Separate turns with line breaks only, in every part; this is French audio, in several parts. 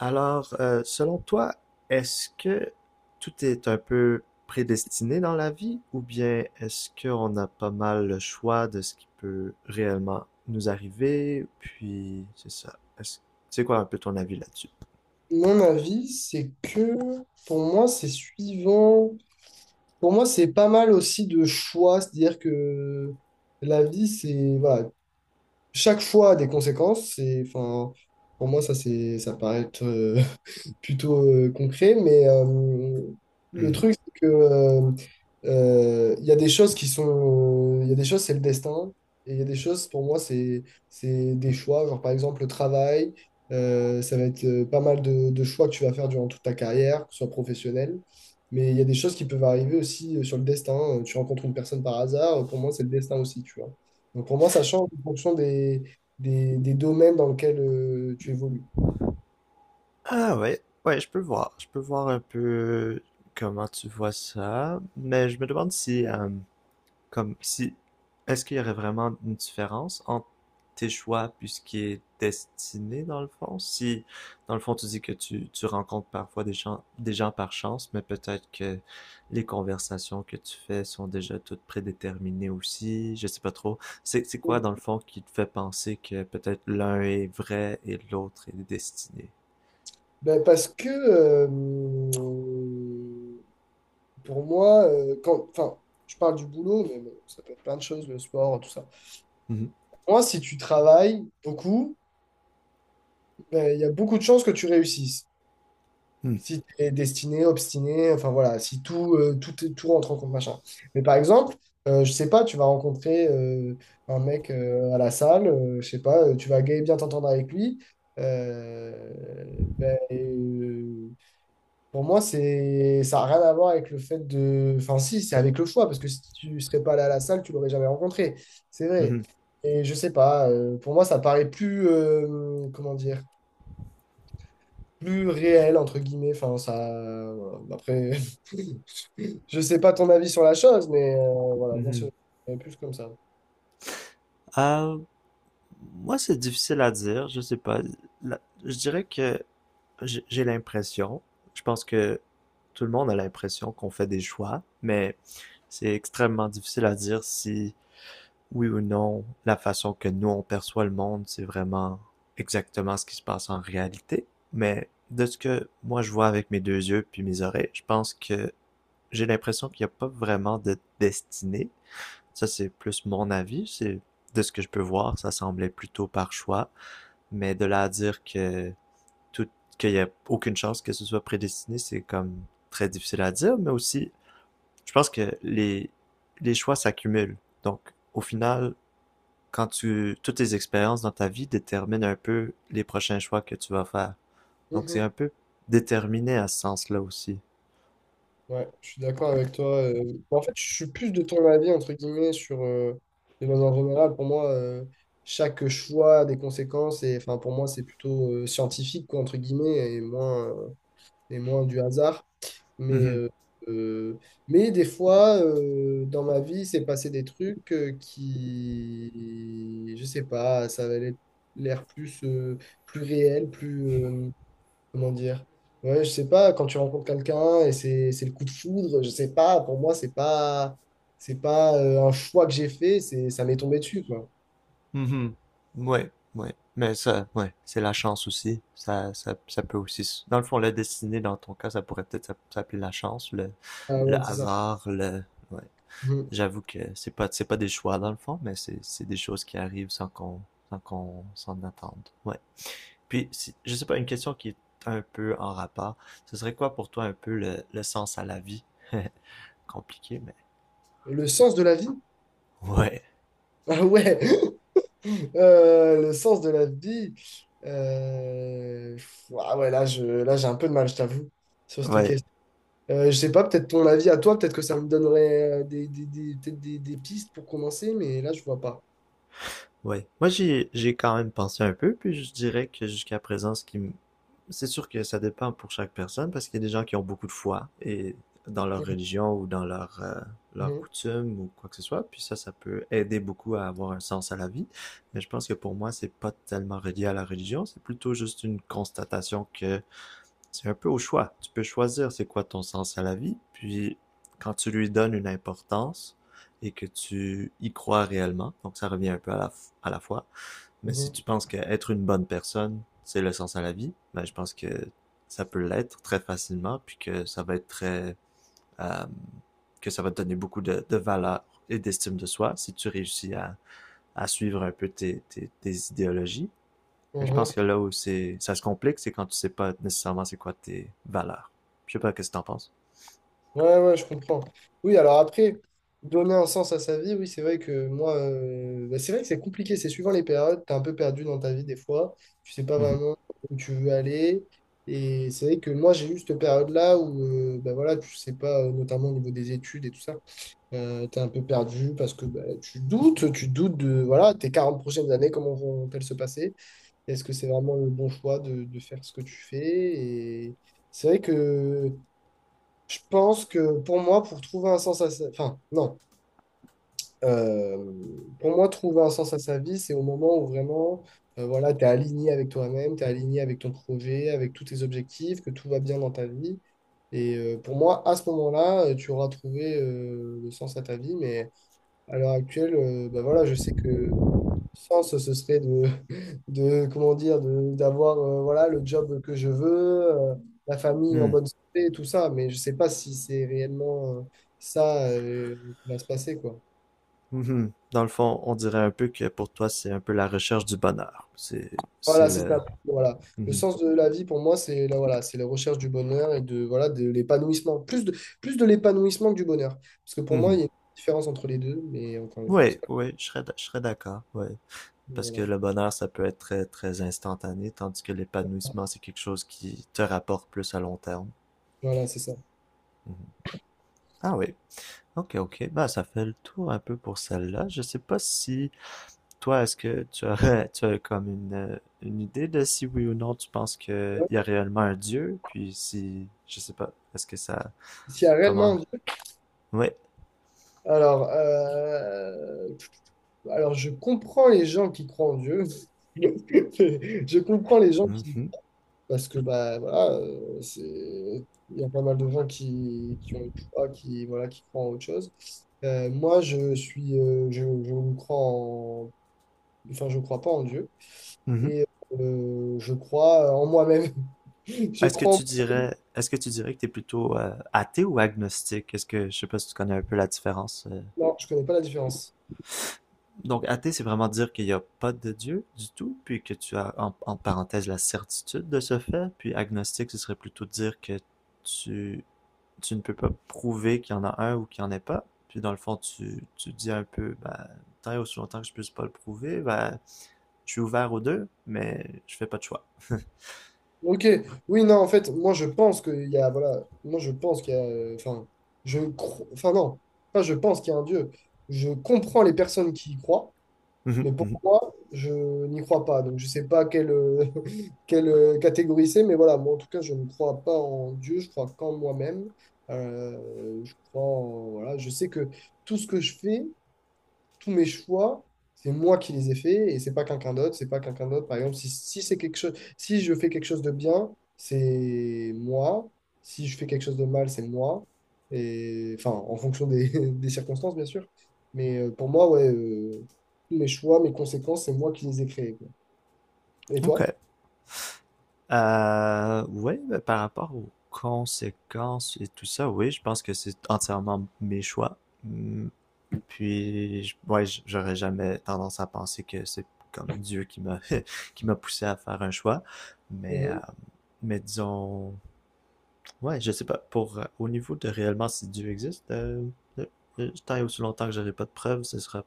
Alors, selon toi, est-ce que tout est un peu prédestiné dans la vie ou bien est-ce qu'on a pas mal le choix de ce qui peut réellement nous arriver? Puis, c'est ça. C'est quoi un peu ton avis là-dessus?
Mon avis, c'est que pour moi, c'est suivant. Pour moi, c'est pas mal aussi de choix. C'est-à-dire que la vie, c'est. Voilà. Chaque choix a des conséquences. C'est, enfin, pour moi, ça, c'est, ça paraît être. Plutôt concret, mais le
Mhm.
truc, c'est que il y a des choses qui sont, il y a des choses, c'est le destin, et il y a des choses, pour moi, c'est des choix, genre par exemple le travail, ça va être pas mal de choix que tu vas faire durant toute ta carrière, que ce soit professionnelle, mais il y a des choses qui peuvent arriver aussi sur le destin. Tu rencontres une personne par hasard, pour moi, c'est le destin aussi, tu vois. Donc pour moi, ça change en fonction des domaines dans lesquels tu évolues.
Ah ouais, ouais, je peux voir. Je peux voir un peu comment tu vois ça, mais je me demande si, comme si, est-ce qu'il y aurait vraiment une différence entre tes choix puis ce qui est destiné dans le fond? Si, dans le fond, tu dis que tu rencontres parfois des gens par chance, mais peut-être que les conversations que tu fais sont déjà toutes prédéterminées aussi, je sais pas trop. C'est quoi, dans le fond, qui te fait penser que peut-être l'un est vrai et l'autre est destiné?
Ben, parce que pour moi, quand, enfin, je parle du boulot, mais bon, ça peut être plein de choses, le sport, tout ça.
Mhm.
Pour moi, si tu travailles beaucoup, ben, il y a beaucoup de chances que tu réussisses. Si tu es destiné, obstiné, enfin voilà, si tout rentre en compte, machin. Mais par exemple, je sais pas, tu vas rencontrer un mec à la salle, je sais pas, tu vas bien t'entendre avec lui. euh, ben, pour moi, c'est, ça n'a rien à voir avec le fait de. Enfin, si, c'est avec le choix, parce que si tu ne serais pas allé à la salle, tu l'aurais jamais rencontré. C'est vrai.
Mhm.
Et je sais pas, pour moi, ça paraît plus, comment dire, plus réel, entre guillemets. Enfin, ça. Voilà. Après, je sais pas ton avis sur la chose, mais voilà, moi,
Mhm.
c'est plus comme ça.
Ah, moi, c'est difficile à dire, je sais pas. Je dirais que j'ai l'impression, je pense que tout le monde a l'impression qu'on fait des choix, mais c'est extrêmement difficile à dire si oui ou non la façon que nous on perçoit le monde, c'est vraiment exactement ce qui se passe en réalité. Mais de ce que moi je vois avec mes deux yeux puis mes oreilles, je pense que j'ai l'impression qu'il n'y a pas vraiment de destinée. Ça, c'est plus mon avis. C'est de ce que je peux voir, ça semblait plutôt par choix. Mais de là à dire que tout, qu'il n'y a aucune chance que ce soit prédestiné, c'est comme très difficile à dire. Mais aussi, je pense que les choix s'accumulent. Donc, au final, toutes tes expériences dans ta vie déterminent un peu les prochains choix que tu vas faire. Donc, c'est
Mhm.
un peu déterminé à ce sens-là aussi.
Ouais, je suis d'accord avec toi. Bon, en fait, je suis plus de ton avis, entre guillemets, sur les lois en général. Pour moi, chaque choix a des conséquences. Et enfin, pour moi, c'est plutôt scientifique, quoi, entre guillemets, et moins du hasard. Mais,
Mhm.
euh, euh, mais des fois, dans ma vie, c'est passé des trucs qui, je sais pas, ça avait l'air plus, plus réel, plus, comment dire? Ouais, je sais pas, quand tu rencontres quelqu'un et c'est le coup de foudre, je sais pas, pour moi, c'est pas un choix que j'ai fait, c'est ça m'est tombé dessus, quoi.
Mhm. Ouais, ouais. Mais ça, ouais, c'est la chance aussi. Ça peut aussi. Dans le fond, la destinée, dans ton cas, ça pourrait peut-être s'appeler la chance,
Ah
le
ouais, c'est ça.
hasard, le. Ouais.
Mhm.
J'avoue que c'est pas des choix dans le fond, mais c'est des choses qui arrivent sans qu'on s'en attende. Ouais. Puis, je sais pas, une question qui est un peu en rapport. Ce serait quoi pour toi un peu le sens à la vie? Compliqué, mais.
Le sens de la vie?
Ouais.
Ah ouais. Le sens de la vie. euh, Ah ouais, là, j'ai un peu de mal, je t'avoue, sur cette
Ouais.
question. Je sais pas, peut-être ton avis à toi, peut-être que ça me donnerait peut-être des pistes pour commencer, mais là, je vois pas.
Ouais. Moi, j'ai quand même pensé un peu, puis je dirais que jusqu'à présent, ce qui me... C'est sûr que ça dépend pour chaque personne, parce qu'il y a des gens qui ont beaucoup de foi et dans leur religion ou dans leur, leur
Mhm.
coutume ou quoi que ce soit, puis ça peut aider beaucoup à avoir un sens à la vie. Mais je pense que pour moi, c'est pas tellement relié à la religion, c'est plutôt juste une constatation que c'est un peu au choix. Tu peux choisir c'est quoi ton sens à la vie, puis quand tu lui donnes une importance et que tu y crois réellement, donc ça revient un peu à à la fois, mais si tu
Mhm.
penses qu'être une bonne personne, c'est le sens à la vie, ben je pense que ça peut l'être très facilement, puis que ça va être très... euh, que ça va te donner beaucoup de valeur et d'estime de soi si tu réussis à suivre un peu tes idéologies. Mais je
Mhm.
pense que là où ça se complique, c'est quand tu sais pas nécessairement c'est quoi tes valeurs. Je sais pas qu'est-ce que t'en penses.
Ouais, ouais, je comprends. Oui, alors après, donner un sens à sa vie, oui, c'est vrai que moi, bah, c'est vrai que c'est compliqué, c'est suivant les périodes, t'es un peu perdu dans ta vie des fois, tu sais pas
Mhm.
vraiment où tu veux aller, et c'est vrai que moi, j'ai eu cette période-là où, bah, voilà, tu sais pas, notamment au niveau des études et tout ça, t'es un peu perdu parce que bah, tu doutes de, voilà, tes 40 prochaines années, comment vont-elles se passer? Est-ce que c'est vraiment le bon choix de faire ce que tu fais? Et c'est vrai que... Je pense que pour moi, pour trouver un sens à sa... Enfin, non. Euh, pour moi, trouver un sens à sa vie, c'est au moment où vraiment, voilà, tu es aligné avec toi-même, tu es aligné avec ton projet, avec tous tes objectifs, que tout va bien dans ta vie. Et pour moi, à ce moment-là, tu auras trouvé le sens à ta vie. Mais à l'heure actuelle, bah voilà, je sais que sens, ce serait de, de comment dire, d'avoir voilà, le job que je veux, la famille en
Hmm.
bonne santé, tout ça, mais je sais pas si c'est réellement ça qui va se passer, quoi.
Mhm. Dans le fond, on dirait un peu que pour toi, c'est un peu la recherche du bonheur. C'est
Voilà, c'est
le.
ça. Voilà. Le
Mhm.
sens de la vie, pour moi, c'est la, voilà, c'est la recherche du bonheur et de, voilà, de l'épanouissement. Plus de l'épanouissement que du bonheur. Parce que pour moi, il
Mhm.
y a une différence entre les deux, mais encore une fois,
Oui,
c'est pas-
oui, je serais d'accord. Oui. Parce que
Voilà,
le bonheur, ça peut être très, très instantané, tandis que l'épanouissement, c'est quelque chose qui te rapporte plus à long terme.
Voilà, c'est ça.
Mhm. Ah oui. Ok, ok. Bah, ça fait le tour un peu pour celle-là. Je sais pas si toi, est-ce que tu aurais, tu as comme une idée de si oui ou non tu penses qu'il
Ouais.
y a réellement un Dieu? Puis si, je sais pas, est-ce que ça,
S'il y a
comment,
réellement.
ouais.
Alors, euh, alors, je comprends les gens qui croient en Dieu. Je comprends les gens qui...
Mhm,
Parce que, bah, voilà, c'est... Il y a pas mal de gens qui ont une foi, qui, voilà, qui croient en autre chose. Moi, je suis... je ne crois en... Enfin, je crois pas en Dieu.
mhm.
Et je crois en moi-même. Je
Est-ce que
crois en...
tu dirais, est-ce que tu dirais que t'es plutôt athée ou agnostique? Est-ce que, je sais pas si tu connais un peu la différence
Non, je connais pas la différence.
donc, athée, c'est vraiment dire qu'il n'y a pas de Dieu du tout, puis que tu as en parenthèse la certitude de ce fait. Puis agnostique, ce serait plutôt dire que tu, tu ne peux pas prouver qu'il y en a un ou qu'il n'y en ait pas. Puis dans le fond, tu dis un peu, ben, tant et aussi longtemps que je ne puisse pas le prouver, ben, je suis ouvert aux deux, mais je fais pas de choix.
Ok, oui, non, en fait, moi je pense qu'il y a, voilà, moi je pense qu'il y a, enfin, je crois, enfin non, pas je pense qu'il y a un Dieu. Je comprends les personnes qui y croient, mais pour moi, je n'y crois pas. Donc je sais pas quelle, quelle catégorie c'est, mais voilà, moi en tout cas, je ne crois pas en Dieu, je crois qu'en moi-même. Je crois voilà, je sais que tout ce que je fais, tous mes choix, c'est moi qui les ai faits et c'est pas quelqu'un d'autre, c'est pas quelqu'un d'autre. Par exemple, si c'est quelque chose, si je fais quelque chose de bien, c'est moi. Si je fais quelque chose de mal, c'est moi. Et enfin, en fonction des, des circonstances, bien sûr. Mais pour moi, ouais, tous mes choix, mes conséquences, c'est moi qui les ai créés, quoi. Et toi?
OK. Oui, ben, par rapport aux conséquences et tout ça, oui, je pense que c'est entièrement mes choix. Hmm, puis, ouais, j'aurais jamais tendance à penser que c'est comme Dieu qui m'a qui m'a poussé à faire un choix. Mais, euh,
Mhm.
mais disons, ouais, je sais pas, pour au niveau de réellement si Dieu existe, euh, tant et aussi longtemps que j'aurai pas de preuves, ce sera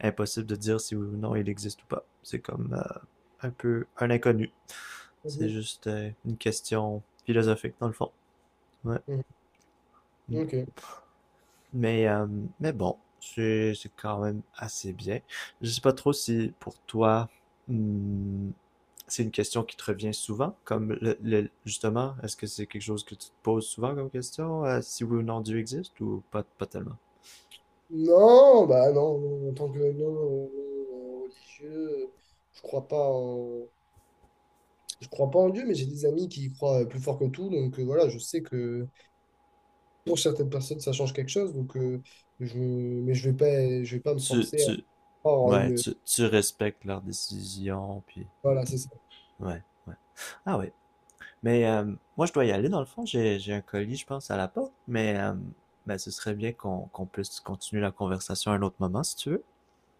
impossible de dire si oui ou non il existe ou pas. C'est comme un peu un inconnu. C'est
Mhm.
juste une question philosophique dans le fond. Ouais. Mm.
Mhm. Ok.
Mais, euh, mais bon, c'est quand même assez bien. Je sais pas trop si pour toi, hmm, c'est une question qui te revient souvent, comme justement, est-ce que c'est quelque chose que tu te poses souvent comme question, si oui ou non Dieu existe ou pas, pas tellement?
Non, bah non, en tant que non, religieux, je crois pas en. Je crois pas en Dieu, mais j'ai des amis qui y croient plus fort que tout. Donc voilà, je sais que pour certaines personnes, ça change quelque chose. Donc, mais je vais pas me
Tu,
forcer à
tu,
croire en
ouais,
une.
tu respectes leurs décisions, puis ouais,
Voilà, c'est ça.
ouais, ouais. Ah ouais mais moi je dois y aller dans le fond, j'ai un colis, je pense, à la porte, mais ben, ce serait bien qu'on puisse continuer la conversation à un autre moment, si tu veux.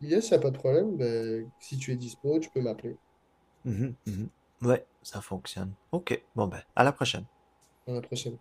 Yes, il n'y a pas de problème. Ben, si tu es dispo, tu peux m'appeler
Mhm, mhm. Ouais, ça fonctionne. OK, bon ben, à la prochaine.
dans la prochaine.